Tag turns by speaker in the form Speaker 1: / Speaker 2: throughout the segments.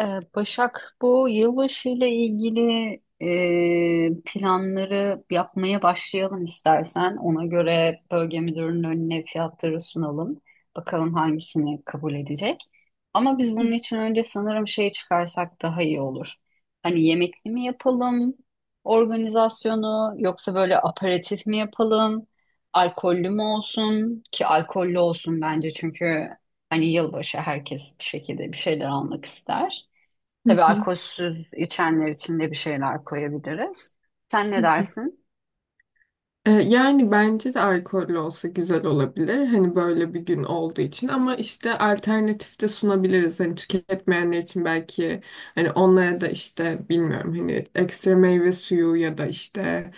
Speaker 1: Ee, Başak, bu yılbaşı ile ilgili planları yapmaya başlayalım istersen. Ona göre bölge müdürünün önüne fiyatları sunalım. Bakalım hangisini kabul edecek. Ama biz bunun için önce sanırım şey çıkarsak daha iyi olur. Hani yemekli mi yapalım organizasyonu yoksa böyle aperatif mi yapalım? Alkollü mü olsun ki alkollü olsun bence çünkü hani yılbaşı herkes bir şekilde bir şeyler almak ister.
Speaker 2: Hı
Speaker 1: Tabii
Speaker 2: hı,
Speaker 1: alkolsüz içenler için de bir şeyler koyabiliriz. Sen
Speaker 2: hı
Speaker 1: ne
Speaker 2: hı.
Speaker 1: dersin?
Speaker 2: Yani bence de alkollü olsa güzel olabilir. Hani böyle bir gün olduğu için ama işte alternatif de sunabiliriz. Hani tüketmeyenler için belki hani onlara da işte bilmiyorum hani ekstra meyve suyu ya da işte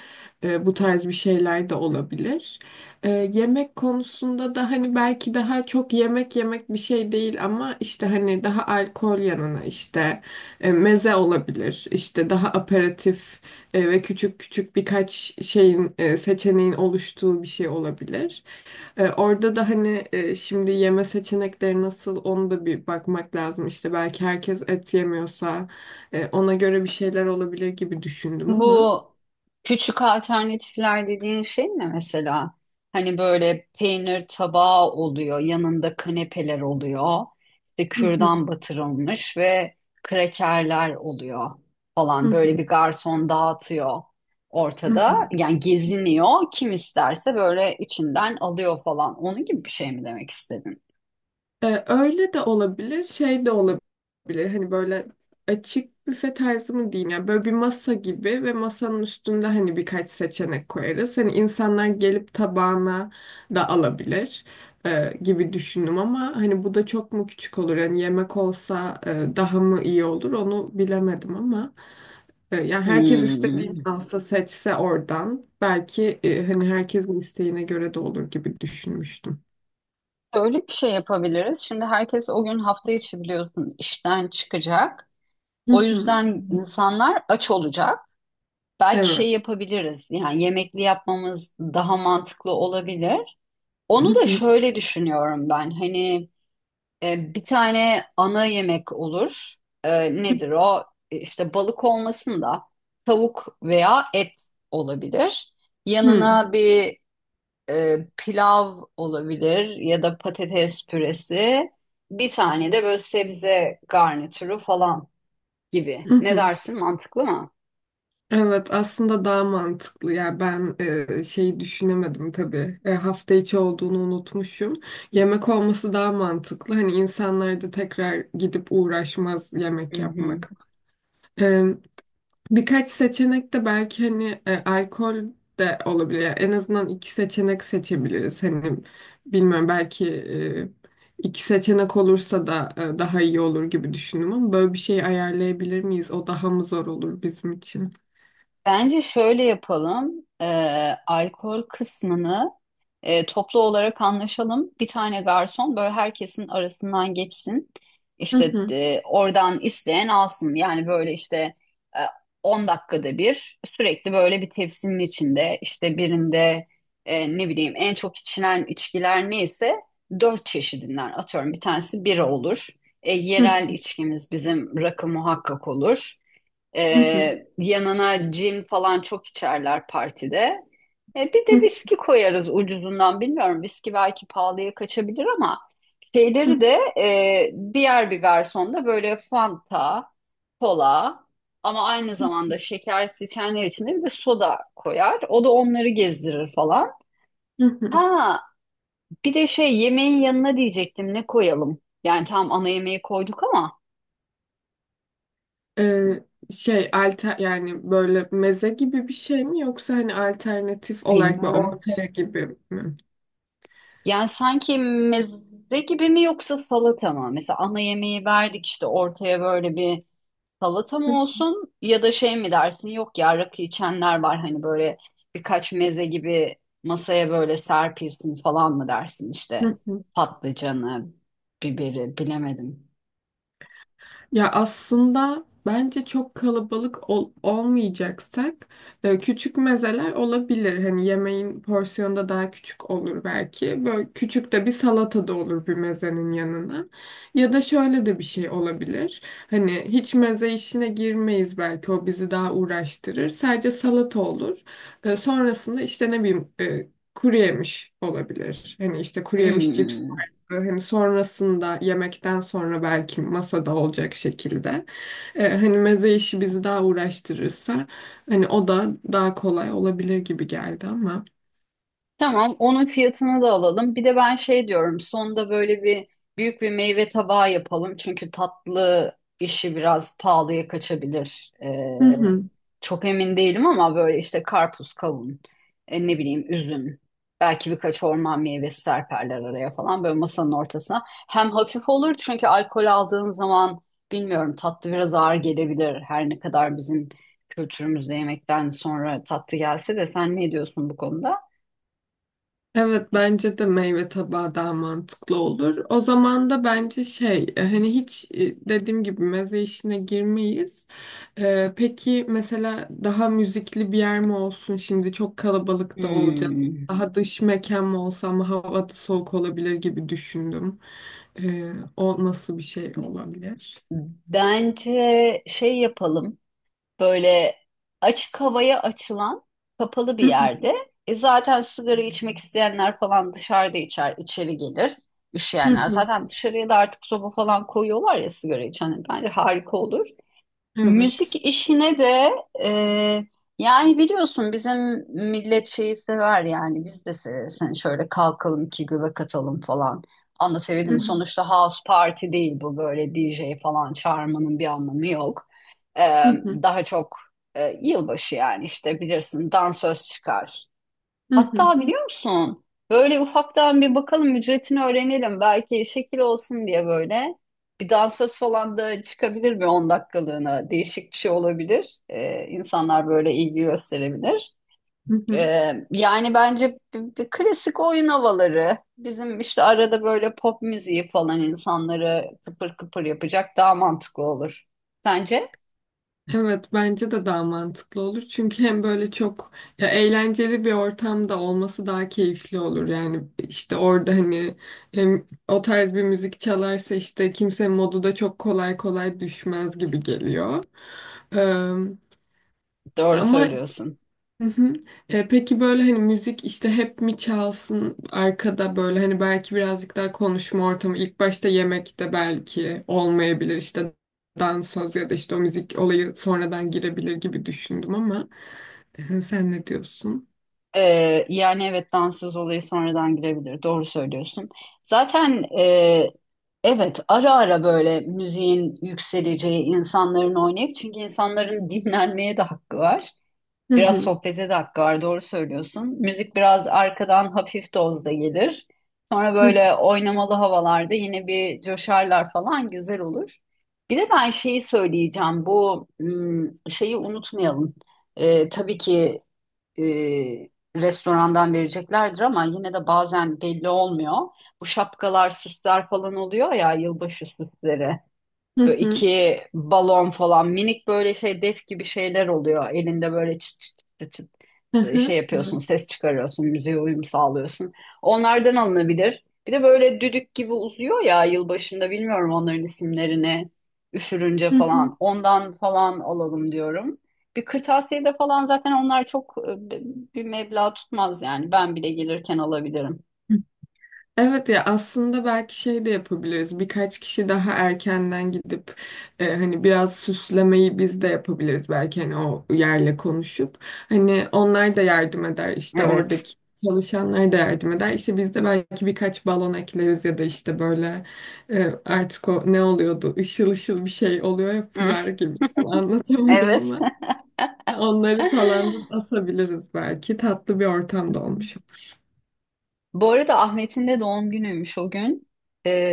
Speaker 2: bu tarz bir şeyler de olabilir. Yemek konusunda da hani belki daha çok yemek yemek bir şey değil ama işte hani daha alkol yanına işte meze olabilir. İşte daha aperatif ve küçük küçük birkaç şeyin seçeneğin oluştuğu bir şey olabilir. Orada da hani şimdi yeme seçenekleri nasıl onu da bir bakmak lazım. İşte belki herkes et yemiyorsa ona göre bir şeyler olabilir gibi düşündüm ama.
Speaker 1: Bu küçük alternatifler dediğin şey mi mesela? Hani böyle peynir tabağı oluyor, yanında kanepeler oluyor, işte
Speaker 2: Hı hı,
Speaker 1: kürdan batırılmış ve krekerler oluyor falan.
Speaker 2: hı
Speaker 1: Böyle bir garson dağıtıyor
Speaker 2: hı.
Speaker 1: ortada. Yani geziniyor. Kim isterse böyle içinden alıyor falan. Onun gibi bir şey mi demek istedin?
Speaker 2: Öyle de olabilir, şey de olabilir. Hani böyle açık büfe tarzı mı diyeyim, yani böyle bir masa gibi ve masanın üstünde hani birkaç seçenek koyarız. Hani insanlar gelip tabağına da alabilir gibi düşündüm ama hani bu da çok mu küçük olur? Yani yemek olsa daha mı iyi olur onu bilemedim ama yani herkes istediğini
Speaker 1: Hmm.
Speaker 2: alsa seçse oradan belki hani herkesin isteğine göre de olur gibi düşünmüştüm.
Speaker 1: Öyle bir şey yapabiliriz. Şimdi herkes o gün hafta içi biliyorsun işten çıkacak.
Speaker 2: Hı
Speaker 1: O
Speaker 2: hı.
Speaker 1: yüzden insanlar aç olacak. Belki
Speaker 2: Evet.
Speaker 1: şey yapabiliriz. Yani yemekli yapmamız daha mantıklı olabilir. Onu da
Speaker 2: Hı
Speaker 1: şöyle düşünüyorum ben. Hani bir tane ana yemek olur. E, nedir o? İşte balık olmasın da tavuk veya et olabilir.
Speaker 2: hı,
Speaker 1: Yanına bir pilav olabilir ya da patates püresi. Bir tane de böyle sebze garnitürü falan gibi.
Speaker 2: hı
Speaker 1: Ne
Speaker 2: hı.
Speaker 1: dersin? Mantıklı mı?
Speaker 2: Evet, aslında daha mantıklı. Yani ben şeyi düşünemedim tabii. Hafta içi olduğunu unutmuşum. Yemek olması daha mantıklı, hani insanlar da tekrar gidip uğraşmaz
Speaker 1: Hı
Speaker 2: yemek
Speaker 1: hı.
Speaker 2: yapmakla. Birkaç seçenek de belki hani alkol de olabilir. Yani en azından iki seçenek seçebiliriz. Hani bilmiyorum, belki iki seçenek olursa da daha iyi olur gibi düşündüm ama böyle bir şey ayarlayabilir miyiz? O daha mı zor olur bizim için?
Speaker 1: Bence şöyle yapalım. Alkol kısmını toplu olarak anlaşalım. Bir tane garson böyle herkesin arasından geçsin.
Speaker 2: Hı
Speaker 1: İşte
Speaker 2: hı,
Speaker 1: oradan isteyen alsın. Yani böyle işte e, 10 dakikada bir sürekli böyle bir tepsinin içinde işte birinde ne bileyim en çok içilen içkiler neyse dört çeşidinden atıyorum. Bir tanesi bira olur. E,
Speaker 2: hı
Speaker 1: yerel içkimiz bizim rakı muhakkak olur.
Speaker 2: hı,
Speaker 1: Yanına cin falan çok içerler partide. Bir de
Speaker 2: hı
Speaker 1: viski koyarız ucuzundan bilmiyorum. Viski belki pahalıya kaçabilir ama şeyleri
Speaker 2: hı,
Speaker 1: de diğer bir garsonda böyle Fanta, kola ama aynı zamanda şekersiz içenler için de bir de soda koyar. O da onları gezdirir falan.
Speaker 2: hı hı.
Speaker 1: Ha, bir de şey yemeğin yanına diyecektim ne koyalım? Yani tam ana yemeği koyduk ama
Speaker 2: Ee, şey alter, yani böyle meze gibi bir şey mi yoksa hani alternatif olarak böyle
Speaker 1: bilmem.
Speaker 2: ortaya gibi mi?
Speaker 1: Yani sanki meze gibi mi yoksa salata mı? Mesela ana yemeği verdik işte ortaya böyle bir salata mı olsun ya da şey mi dersin? Yok ya rakı içenler var hani böyle birkaç meze gibi masaya böyle serpilsin falan mı dersin işte
Speaker 2: Hı hı.
Speaker 1: patlıcanı, biberi bilemedim.
Speaker 2: Ya aslında bence çok kalabalık olmayacaksak küçük mezeler olabilir. Hani yemeğin porsiyonu da daha küçük olur belki. Böyle küçük de bir salata da olur bir mezenin yanına. Ya da şöyle de bir şey olabilir. Hani hiç meze işine girmeyiz, belki o bizi daha uğraştırır. Sadece salata olur. Sonrasında işte ne bileyim kuru yemiş olabilir. Hani işte kuru yemiş,
Speaker 1: Hmm.
Speaker 2: hani sonrasında yemekten sonra belki masada olacak şekilde. Hani meze işi bizi daha uğraştırırsa hani o da daha kolay olabilir gibi geldi ama.
Speaker 1: Tamam, onun fiyatını da alalım. Bir de ben şey diyorum, sonda böyle bir büyük bir meyve tabağı yapalım. Çünkü tatlı işi biraz pahalıya kaçabilir.
Speaker 2: Hı hı.
Speaker 1: Çok emin değilim ama böyle işte karpuz, kavun, ne bileyim üzüm. Belki birkaç orman meyvesi serperler araya falan böyle masanın ortasına. Hem hafif olur çünkü alkol aldığın zaman bilmiyorum tatlı biraz ağır gelebilir. Her ne kadar bizim kültürümüzde yemekten sonra tatlı gelse de sen ne diyorsun bu konuda?
Speaker 2: Evet, bence de meyve tabağı daha mantıklı olur. O zaman da bence şey, hani hiç, dediğim gibi meze işine girmeyiz. Peki mesela daha müzikli bir yer mi olsun? Şimdi çok kalabalık da olacağız.
Speaker 1: Hmm.
Speaker 2: Daha dış mekan mı olsa ama hava da soğuk olabilir gibi düşündüm. O nasıl bir şey olabilir?
Speaker 1: Bence şey yapalım. Böyle açık havaya açılan kapalı bir yerde. E zaten sigara içmek isteyenler falan dışarıda içer, içeri gelir. Üşüyenler zaten dışarıya da artık soba falan koyuyorlar ya sigara içen. Bence harika olur. Müzik
Speaker 2: Evet.
Speaker 1: işine de e, yani biliyorsun bizim millet şeyi sever yani biz de severiz. Hani şöyle kalkalım iki göbek atalım falan. Anlatabildim mi? Sonuçta house party değil bu böyle DJ falan çağırmanın bir anlamı yok. E, daha çok yılbaşı yani işte bilirsin dansöz çıkar. Hatta biliyor musun? Böyle ufaktan bir bakalım ücretini öğrenelim. Belki şekil olsun diye böyle. Bir dansöz falan da çıkabilir bir 10 dakikalığına. Değişik bir şey olabilir. İnsanlar böyle ilgi gösterebilir. Yani bence bir klasik oyun havaları. Bizim işte arada böyle pop müziği falan insanları kıpır kıpır yapacak daha mantıklı olur. Sence?
Speaker 2: Evet, bence de daha mantıklı olur. Çünkü hem böyle çok, ya, eğlenceli bir ortamda olması daha keyifli olur. Yani işte orada hani hem o tarz bir müzik çalarsa işte kimse modu da çok kolay kolay düşmez gibi geliyor. Ee,
Speaker 1: Doğru
Speaker 2: ama.
Speaker 1: söylüyorsun.
Speaker 2: Hı hı. Peki böyle hani müzik işte hep mi çalsın arkada, böyle hani belki birazcık daha konuşma ortamı ilk başta yemekte belki olmayabilir, işte dans söz ya da işte o müzik olayı sonradan girebilir gibi düşündüm ama sen ne diyorsun?
Speaker 1: Yani evet dansöz olayı sonradan girebilir. Doğru söylüyorsun. Zaten evet ara ara böyle müziğin yükseleceği insanların oynayıp çünkü insanların dinlenmeye de hakkı var.
Speaker 2: Hı
Speaker 1: Biraz
Speaker 2: hı.
Speaker 1: sohbete de hakkı var. Doğru söylüyorsun. Müzik biraz arkadan hafif dozda gelir. Sonra
Speaker 2: Hı hı.
Speaker 1: böyle oynamalı havalarda yine bir coşarlar falan güzel olur. Bir de ben şeyi söyleyeceğim. Şeyi unutmayalım. Tabii ki e, restorandan vereceklerdir ama yine de bazen belli olmuyor. Bu şapkalar, süsler falan oluyor ya yılbaşı süsleri.
Speaker 2: Hı
Speaker 1: Böyle
Speaker 2: hı.
Speaker 1: iki balon falan minik böyle şey def gibi şeyler oluyor. Elinde böyle çıt çıt çıt çıt
Speaker 2: Hı
Speaker 1: şey
Speaker 2: hı.
Speaker 1: yapıyorsun,
Speaker 2: Evet.
Speaker 1: ses çıkarıyorsun, müziğe uyum sağlıyorsun. Onlardan alınabilir. Bir de böyle düdük gibi uzuyor ya yılbaşında bilmiyorum onların isimlerini üfürünce
Speaker 2: Hı hı.
Speaker 1: falan. Ondan falan alalım diyorum. Bir kırtasiyede falan zaten onlar çok bir meblağ tutmaz yani. Ben bile gelirken alabilirim.
Speaker 2: Evet, ya aslında belki şey de yapabiliriz. Birkaç kişi daha erkenden gidip hani biraz süslemeyi biz de yapabiliriz belki, hani o yerle konuşup. Hani onlar da yardım eder, işte
Speaker 1: Evet.
Speaker 2: oradaki çalışanlar da yardım eder. İşte biz de belki birkaç balon ekleriz ya da işte böyle artık o ne oluyordu? Işıl ışıl bir şey oluyor ya,
Speaker 1: Hı,
Speaker 2: fular gibi. Tam anlatamadım
Speaker 1: evet.
Speaker 2: ama
Speaker 1: Hı
Speaker 2: onları falan da asabiliriz belki. Tatlı bir ortam da
Speaker 1: hı.
Speaker 2: olmuş.
Speaker 1: Bu arada Ahmet'in de doğum günüymüş o gün.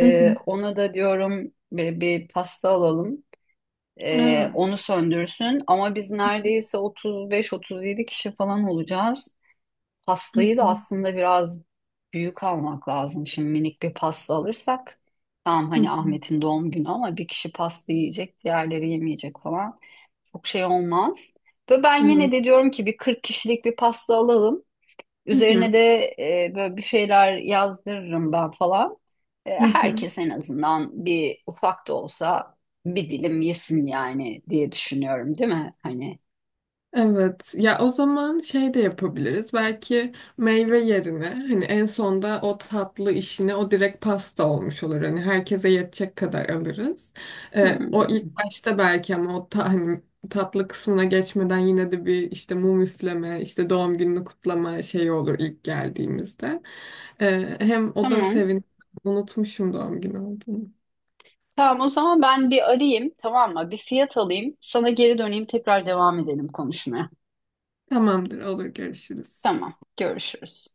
Speaker 2: Hı hı.
Speaker 1: Ona da diyorum bir pasta alalım.
Speaker 2: Evet.
Speaker 1: Onu söndürsün. Ama biz neredeyse 35-37 kişi falan olacağız.
Speaker 2: Hı
Speaker 1: Pastayı da
Speaker 2: hı.
Speaker 1: aslında biraz büyük almak lazım. Şimdi minik bir pasta alırsak tamam
Speaker 2: Hı
Speaker 1: hani
Speaker 2: hı.
Speaker 1: Ahmet'in doğum günü ama bir kişi pasta yiyecek, diğerleri yemeyecek falan. Çok şey olmaz. Ve ben yine
Speaker 2: Evet.
Speaker 1: de diyorum ki bir 40 kişilik bir pasta alalım.
Speaker 2: Hı
Speaker 1: Üzerine
Speaker 2: hı,
Speaker 1: de böyle bir şeyler yazdırırım ben falan.
Speaker 2: hı hı.
Speaker 1: Herkes en azından bir ufak da olsa bir dilim yesin yani diye düşünüyorum, değil mi?
Speaker 2: Evet. Ya o zaman şey de yapabiliriz. Belki meyve yerine hani en sonda o tatlı işine, o direkt pasta olmuş olur. Hani herkese yetecek kadar alırız. O
Speaker 1: Hmm,
Speaker 2: ilk başta belki ama o hani tatlı kısmına geçmeden yine de bir işte mum üfleme, işte doğum gününü kutlama şeyi olur ilk geldiğimizde. Hem o da
Speaker 1: tamam.
Speaker 2: unutmuşum doğum günü olduğunu.
Speaker 1: Tamam o zaman ben bir arayayım tamam mı? Bir fiyat alayım. Sana geri döneyim tekrar devam edelim konuşmaya.
Speaker 2: Tamamdır, olur, görüşürüz.
Speaker 1: Tamam görüşürüz.